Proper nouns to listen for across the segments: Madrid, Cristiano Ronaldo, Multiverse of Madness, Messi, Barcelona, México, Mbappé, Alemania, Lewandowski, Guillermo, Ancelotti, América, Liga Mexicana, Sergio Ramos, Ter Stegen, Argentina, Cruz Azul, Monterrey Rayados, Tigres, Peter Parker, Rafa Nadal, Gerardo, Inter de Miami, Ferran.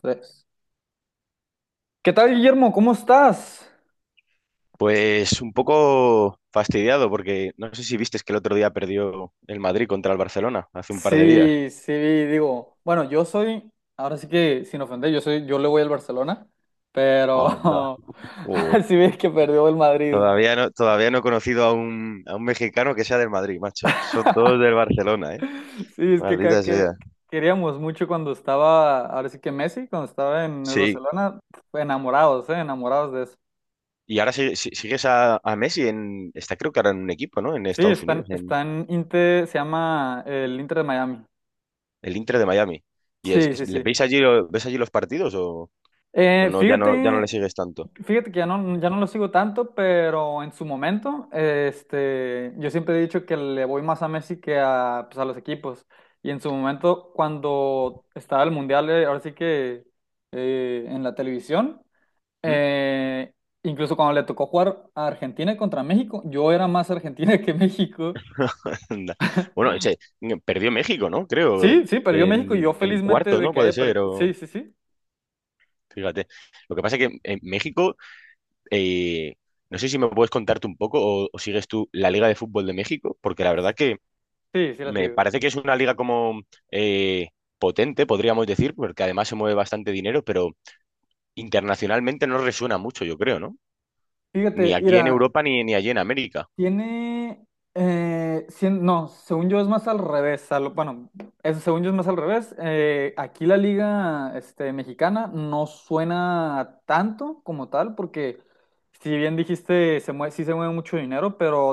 Tres. ¿Qué tal, Guillermo? ¿Cómo estás? Pues un poco fastidiado porque no sé si viste que el otro día perdió el Madrid contra el Barcelona, hace un par de días. Sí, sí, digo, bueno, yo soy, ahora sí que sin ofender, yo le voy al Barcelona, Anda. pero Uy. sí ves que perdió el Madrid. Todavía no, he conocido a un, mexicano que sea del Madrid, macho. Son todos del Barcelona, ¿eh? Sí, es que acá Maldita que sea. queríamos mucho cuando estaba, ahora sí que Messi, cuando estaba en el Sí. Barcelona, enamorados de eso. Y ahora sigues a Messi está creo que ahora en un equipo, ¿no? En Sí, Estados están, Unidos, en están Inter, se llama el Inter de Miami. el Inter de Miami. ¿Y Sí, sí, sí. Ves allí los partidos o Eh, no, ya no fíjate le sigues tanto? Fíjate que ya no lo sigo tanto, pero en su momento, este, yo siempre he dicho que le voy más a Messi que a, pues, a los equipos. Y en su momento, cuando estaba el Mundial, ahora sí que en la televisión, eh, incluso cuando le tocó jugar a Argentina contra México, yo era más Argentina que México. Anda. Bueno, perdió México, ¿no? Creo, Sí, sí, perdió México y yo en felizmente cuarto, de ¿no? que Puede haya ser, perdido. o Sí, sí, sí, fíjate. Lo que pasa es que en México, eh, no sé si me puedes contarte un poco o sigues tú la Liga de Fútbol de México, porque la verdad que sí, sí la me sigo. parece que es una liga como eh, potente, podríamos decir, porque además se mueve bastante dinero, pero internacionalmente no resuena mucho, yo creo, ¿no? Ni Fíjate, aquí en Ira. Europa ni allí en América. Tiene, no, según yo es más al revés. Bueno, según yo es más al revés. Aquí la liga mexicana no suena tanto como tal, porque si bien dijiste, sí se mueve mucho dinero, pero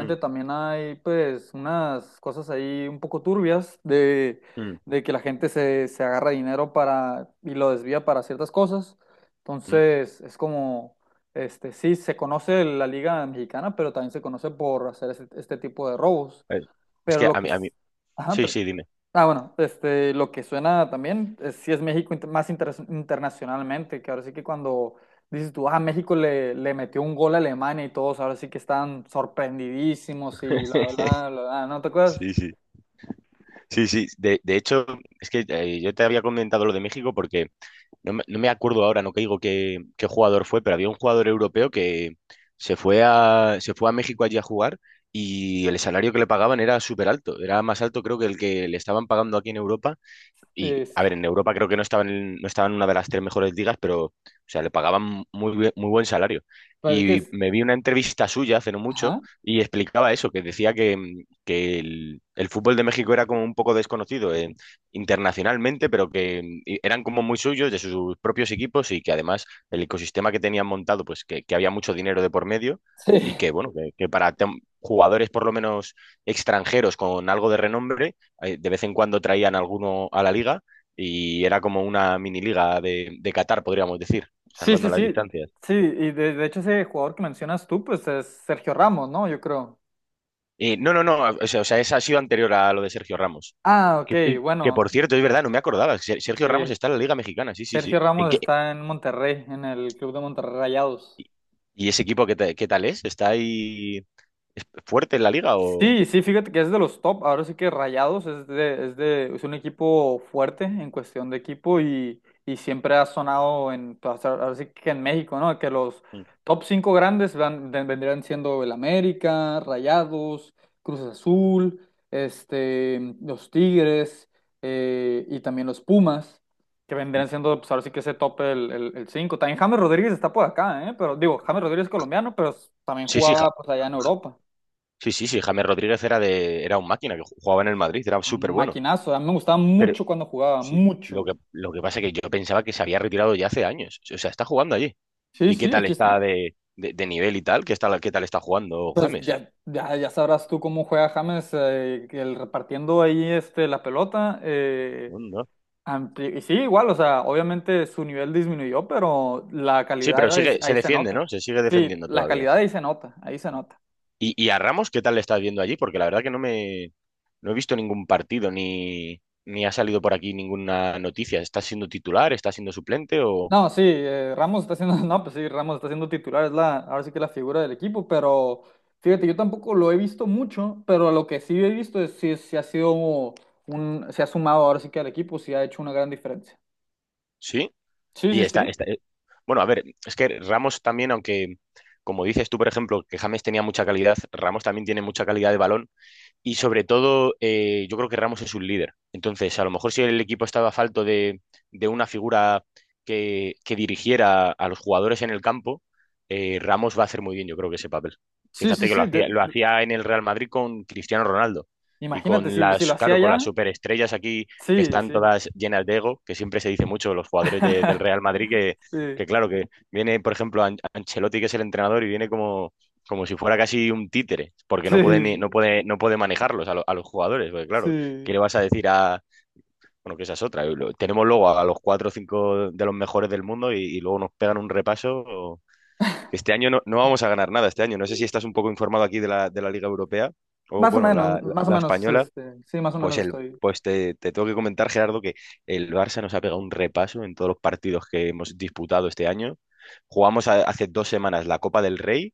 Mm, también hay pues unas cosas ahí un poco turbias de, mm, de que la gente se agarra dinero para y lo desvía para ciertas cosas. mm. Entonces es como... sí, se conoce la Liga Mexicana, pero también se conoce por hacer este tipo de robos. Eh, Es Pero que lo a que... mí, a mí, Ajá, sí, sí, dime. ah, bueno, lo que suena también, es, sí es México más internacionalmente, que ahora sí que cuando dices tú, ah, México le metió un gol a Alemania y todos, ahora sí que están sorprendidísimos y bla, bla, bla, bla. ¿No te acuerdas? Sí, sí. Sí, sí, de hecho, es que yo te había comentado lo de México porque no me acuerdo ahora, no caigo qué jugador fue, pero había un jugador europeo que se fue a México allí a jugar y el salario que le pagaban era súper alto, era más alto creo que el que le estaban pagando aquí en Europa Sí, y, a sí, ver, en Europa creo que no estaba en una de las tres mejores ligas, pero, o sea, le pagaban muy buen salario. parece que Y es... me vi una entrevista suya hace no mucho Ajá. y explicaba eso, que decía que el fútbol de México era como un poco desconocido internacionalmente, pero y eran como muy suyos, de sus propios equipos y que además el ecosistema que tenían montado, pues que había mucho dinero de por medio y Sí. que, bueno, que para jugadores por lo menos extranjeros con algo de renombre, de vez en cuando traían alguno a la liga y era como una mini liga de Qatar, podríamos decir, Sí, salvando sí, las sí. distancias. Sí, y de hecho ese jugador que mencionas tú, pues es Sergio Ramos, ¿no? Yo creo. No, no, no, o sea, esa ha sido anterior a lo de Sergio Ramos. Ah, ok, Que, que, bueno, por cierto, es verdad, no me acordaba. Sergio Ramos sí. está en la Liga Mexicana, sí, sí, sí. Sergio Ramos está en Monterrey, en el club de Monterrey Rayados. ¿Y ese equipo qué tal es? ¿Está ahí es fuerte en la liga o...? Sí, sí, fíjate que es de los top, ahora sí que Rayados es un equipo fuerte en cuestión de equipo y siempre ha sonado en, pues, ahora sí que en México, ¿no? Que los top cinco grandes vendrían siendo el América, Rayados, Cruz Azul, los Tigres, y también los Pumas, que vendrían siendo, pues ahora sí que ese top el cinco. También James Rodríguez está por acá, ¿eh? Pero digo, James Rodríguez es colombiano, pero también Sí, sí, jugaba pues allá en Europa. sí, sí, sí, James Rodríguez era un máquina que jugaba en el Madrid, era súper bueno. Maquinazo, a mí me gustaba Pero, mucho cuando jugaba, sí, lo que, mucho. lo que pasa es que yo pensaba que se había retirado ya hace años. O sea, está jugando allí. Sí, ¿Y qué sí, tal aquí está está. de nivel y tal? ¿Qué tal está jugando Pues James? ya sabrás tú cómo juega James, que el repartiendo ahí la pelota. No, no. Y sí, igual, o sea, obviamente su nivel disminuyó, pero la Sí, pero calidad ahí, sigue, se ahí se defiende, ¿no? nota. Se sigue Sí, defendiendo la todavía. calidad ahí se nota, ahí se nota. ¿Y a Ramos qué tal le estás viendo allí? Porque la verdad que no he visto ningún partido ni ha salido por aquí ninguna noticia. ¿Está siendo titular? ¿Está siendo suplente? ¿O No, sí, Ramos está haciendo no, pues sí, Ramos está siendo titular, es la, ahora sí que la figura del equipo, pero fíjate, yo tampoco lo he visto mucho, pero lo que sí he visto es si ha sido un, se ha sumado ahora sí que al equipo, sí ha hecho una gran diferencia. sí? Sí, Y sí, está, sí, está... eh, Bueno, a ver, es que Ramos también, aunque como dices tú, por ejemplo, que James tenía mucha calidad, Ramos también tiene mucha calidad de balón. Y sobre todo, yo creo que Ramos es un líder. Entonces, a lo mejor si el equipo estaba falto de una figura que dirigiera a los jugadores en el campo, Ramos va a hacer muy bien, yo creo que ese papel. sí, sí, Fíjate que lo sí, hacía, lo hacía en el Real Madrid con Cristiano Ronaldo y imagínate, con si lo las, hacía claro, con las ya, superestrellas aquí que sí, están sí, todas llenas de ego, que siempre se dice mucho de los jugadores de- del Real Madrid, que, sí, que claro, que viene, por ejemplo, Ancelotti, que es el entrenador, y viene como si fuera casi un títere, porque no puede, ni- sí, no puede, no puede manejarlos a los jugadores, porque claro, ¿qué sí, le vas a decir a... Bueno, que esa es otra. Tenemos luego a los cuatro o cinco de los mejores del mundo y luego nos pegan un repaso. Este año no vamos a ganar nada, este año. No sé si estás un poco informado aquí de la, Liga Europea o, bueno, la, la- más o la menos, española. Sí, más o Pues, menos el, estoy, pues te tengo que comentar, Gerardo, que el Barça nos ha pegado un repaso en todos los partidos que hemos disputado este año. Jugamos hace 2 semanas la Copa del Rey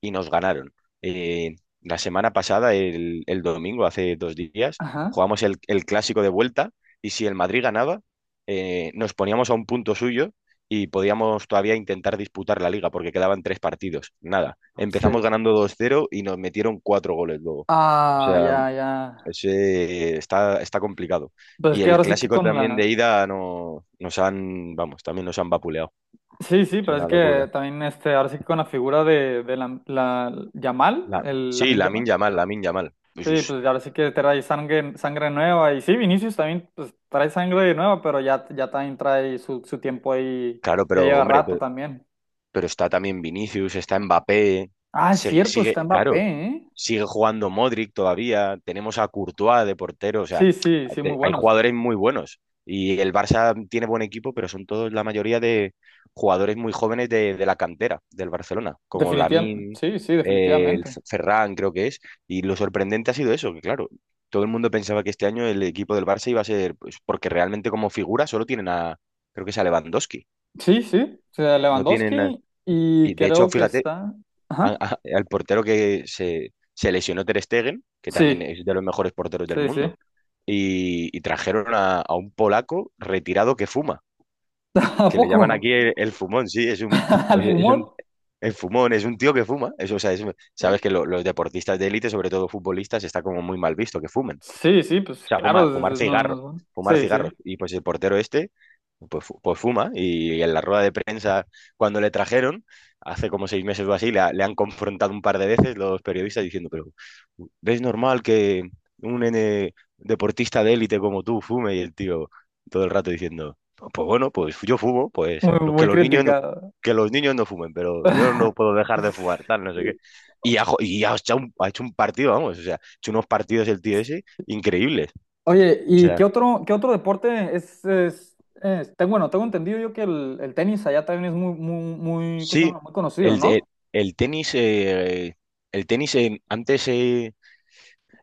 y nos ganaron. Eh, la semana pasada, el domingo, hace 2 días, ajá, jugamos el clásico de vuelta y si el Madrid ganaba, nos poníamos a un punto suyo y podíamos todavía intentar disputar la liga porque quedaban tres partidos. Nada, empezamos sí, ganando 2-0 y nos metieron cuatro goles luego. O ah, sea, ya, ya, ese está complicado. pues es Y que el ahora sí que clásico con también de la, ida no, nos han, vamos, también nos han vapuleado. sí, sí, Es pero es una que locura. también ahora sí que con la figura de la, Yamal, La, el sí, Lamine Yamal, Lamine Yamal, Lamine Yamal. sí, Pues pues ahora sí que trae sangre, sangre nueva y sí, Vinicius también pues trae sangre nueva, pero ya también trae su tiempo ahí, claro, ya pero lleva hombre, rato pe- también. pero, está también Vinicius, está Mbappé, Ah, es sigue, cierto, está sigue- Mbappé, claro, ¿eh? sigue jugando Modric todavía, tenemos a Courtois de portero, o sea, Sí, sí, sí, muy hay buenos. jugadores muy buenos y el Barça tiene buen equipo, pero son todos la mayoría de jugadores muy jóvenes de la cantera del Barcelona, como Lamine, el Definitivamente. F- Ferran creo que es, y lo sorprendente ha sido eso, que claro, todo el mundo pensaba que este año el equipo del Barça iba a ser, pues, porque realmente como figura solo tienen a, creo que es a Lewandowski. Sí, sí, o sea, No tienen, Lewandowski y y de hecho, creo que fíjate, está, a- ajá, a- al portero que se lesionó Ter Stegen, que también sí, es de los mejores porteros del sí, sí. mundo, y trajeron a un polaco retirado que fuma, ¿A que le llaman poco? aquí el fumón, sí, es un, ¿Al pues es pulmón? un- el fumón, es un tío que fuma. Eso, o sea, sabes que los deportistas de élite, sobre todo futbolistas, está como muy mal visto que fumen. Sí, sí, O pues sea, claro, fumar no, no es cigarro, bueno. fumar Sí, sí, cigarros. Y pues el portero este, pues, pues fuma. Y en la rueda de prensa, cuando le trajeron, hace como 6 meses o así, le han confrontado un par de veces los periodistas diciendo, pero ¿es normal que un N deportista de élite como tú fume? Y el tío todo el rato diciendo, pues bueno, pues yo fumo, pues muy, los que muy los niños no, criticado. que los niños no fumen, pero yo no puedo dejar de fumar, tal, no sé Eh, qué. Y ha hecho un partido, vamos, o sea, ha hecho unos partidos el tío ese increíbles. Oye, O ¿y sea, qué otro deporte bueno, tengo entendido yo que el tenis allá también es muy, muy, muy, ¿cómo se sí, llama? Muy conocido, el, ¿no? el, el tenis, antes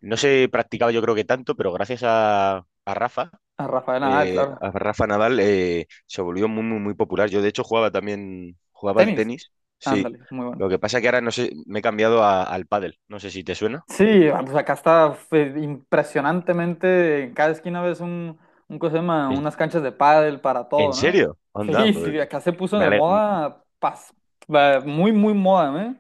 no se practicaba yo creo que tanto, pero gracias a, a Rafa, A Rafael Nadal, eh, claro. a Rafa Nadal, se volvió muy, muy, muy popular. Yo de hecho jugaba también, jugaba al Tenis, tenis, sí. ándale, muy bueno. Lo que pasa que ahora no sé, me he cambiado al pádel, no sé si te suena. Sí, ah, pues acá está impresionantemente, en cada esquina ves un, ¿cómo se llama? ¿En, Unas canchas de pádel para en todo, ¿no? serio? Onda, Sí, pues, sí, acá se puso me de ale- moda, va, muy, muy moda, ¿eh?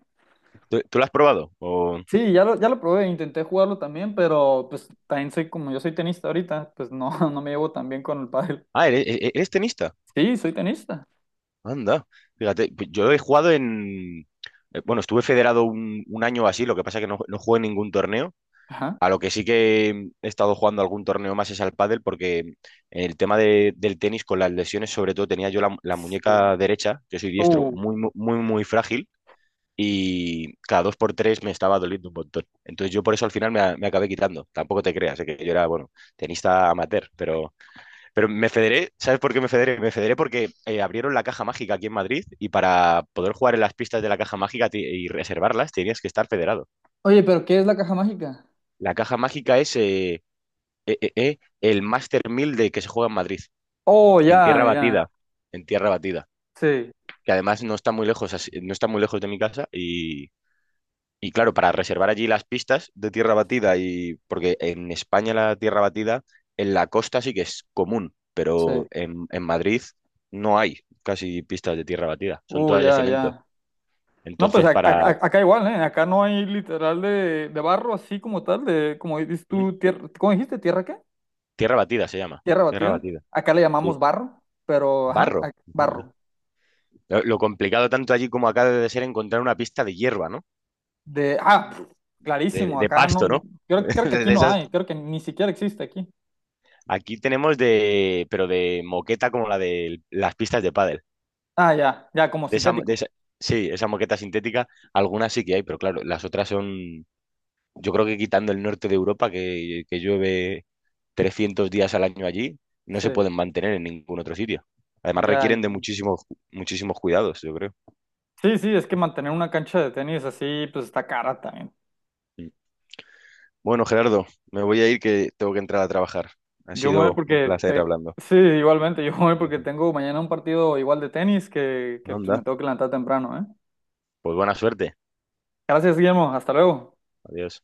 ¿Tú lo has probado? O... Sí, ya lo probé, intenté jugarlo también, pero pues también soy como yo soy tenista ahorita, pues no, no me llevo tan bien con el pádel. Ah, ¿eres tenista? Sí, soy tenista. Anda, fíjate, pues yo he jugado bueno, estuve federado un año o así, lo que pasa es que no jugué en ningún torneo. Ajá. A lo que sí que he estado jugando algún torneo más es al pádel, porque el tema del tenis con las lesiones, sobre todo tenía yo la, Sí. muñeca derecha, yo soy diestro, Uh. muy, muy, muy frágil, y cada dos por tres me estaba doliendo un montón. Entonces yo por eso al final me acabé quitando. Tampoco te creas, que yo era, bueno, tenista amateur, pero me federé, ¿sabes por qué me federé? Me federé porque abrieron la caja mágica aquí en Madrid y para poder jugar en las pistas de la caja mágica y reservarlas tenías que estar federado. Oye, pero ¿qué es la caja mágica? La caja mágica es el Master 1000 de que se juega en Madrid, Oh, en ya, tierra ya. batida, en tierra batida, Sí, que además no está muy lejos, no está muy lejos de mi casa Y claro, para reservar allí las pistas de tierra batida, y porque en España la tierra batida en la costa sí que es común, pero sí. en Madrid no hay casi pistas de tierra batida, son todas de Ya, cemento. ya. No, pues Entonces, para... acá igual, ¿eh? Acá no hay literal de barro así como tal, de, como dices ¿Mm? tú, tierra. ¿Cómo dijiste? ¿Tierra qué? Tierra batida se llama, ¿Tierra tierra batida? batida, Acá le sí. llamamos barro, pero, ajá, Barro. barro. Lo complicado tanto allí como acá debe de ser encontrar una pista de hierba, ¿no? De, De, clarísimo, de acá pasto, no, ¿no? creo que De, aquí de no hay, esas... creo que ni siquiera existe aquí. Aquí tenemos de... pero de moqueta como la de las pistas de pádel. Ah, ya, ya, como De esa, de sintético. esa- sí, esa moqueta sintética, algunas sí que hay, pero claro, las otras son, yo creo que quitando el norte de Europa, que llueve 300 días al año allí, no se Sí, pueden mantener en ningún otro sitio. Además ya. requieren de muchísimos, muchísimos cuidados, yo creo. Sí, sí, es que mantener una cancha de tenis así, pues está cara también. Mm. Bueno, Gerardo, me voy a ir que tengo que entrar a trabajar. Ha Yo me voy sido un porque placer te... hablando. Sí, igualmente, yo me voy porque tengo mañana un partido igual de tenis que pues, me Anda, tengo que levantar temprano, ¿eh? pues buena suerte. Gracias, Guillermo, hasta luego. Adiós.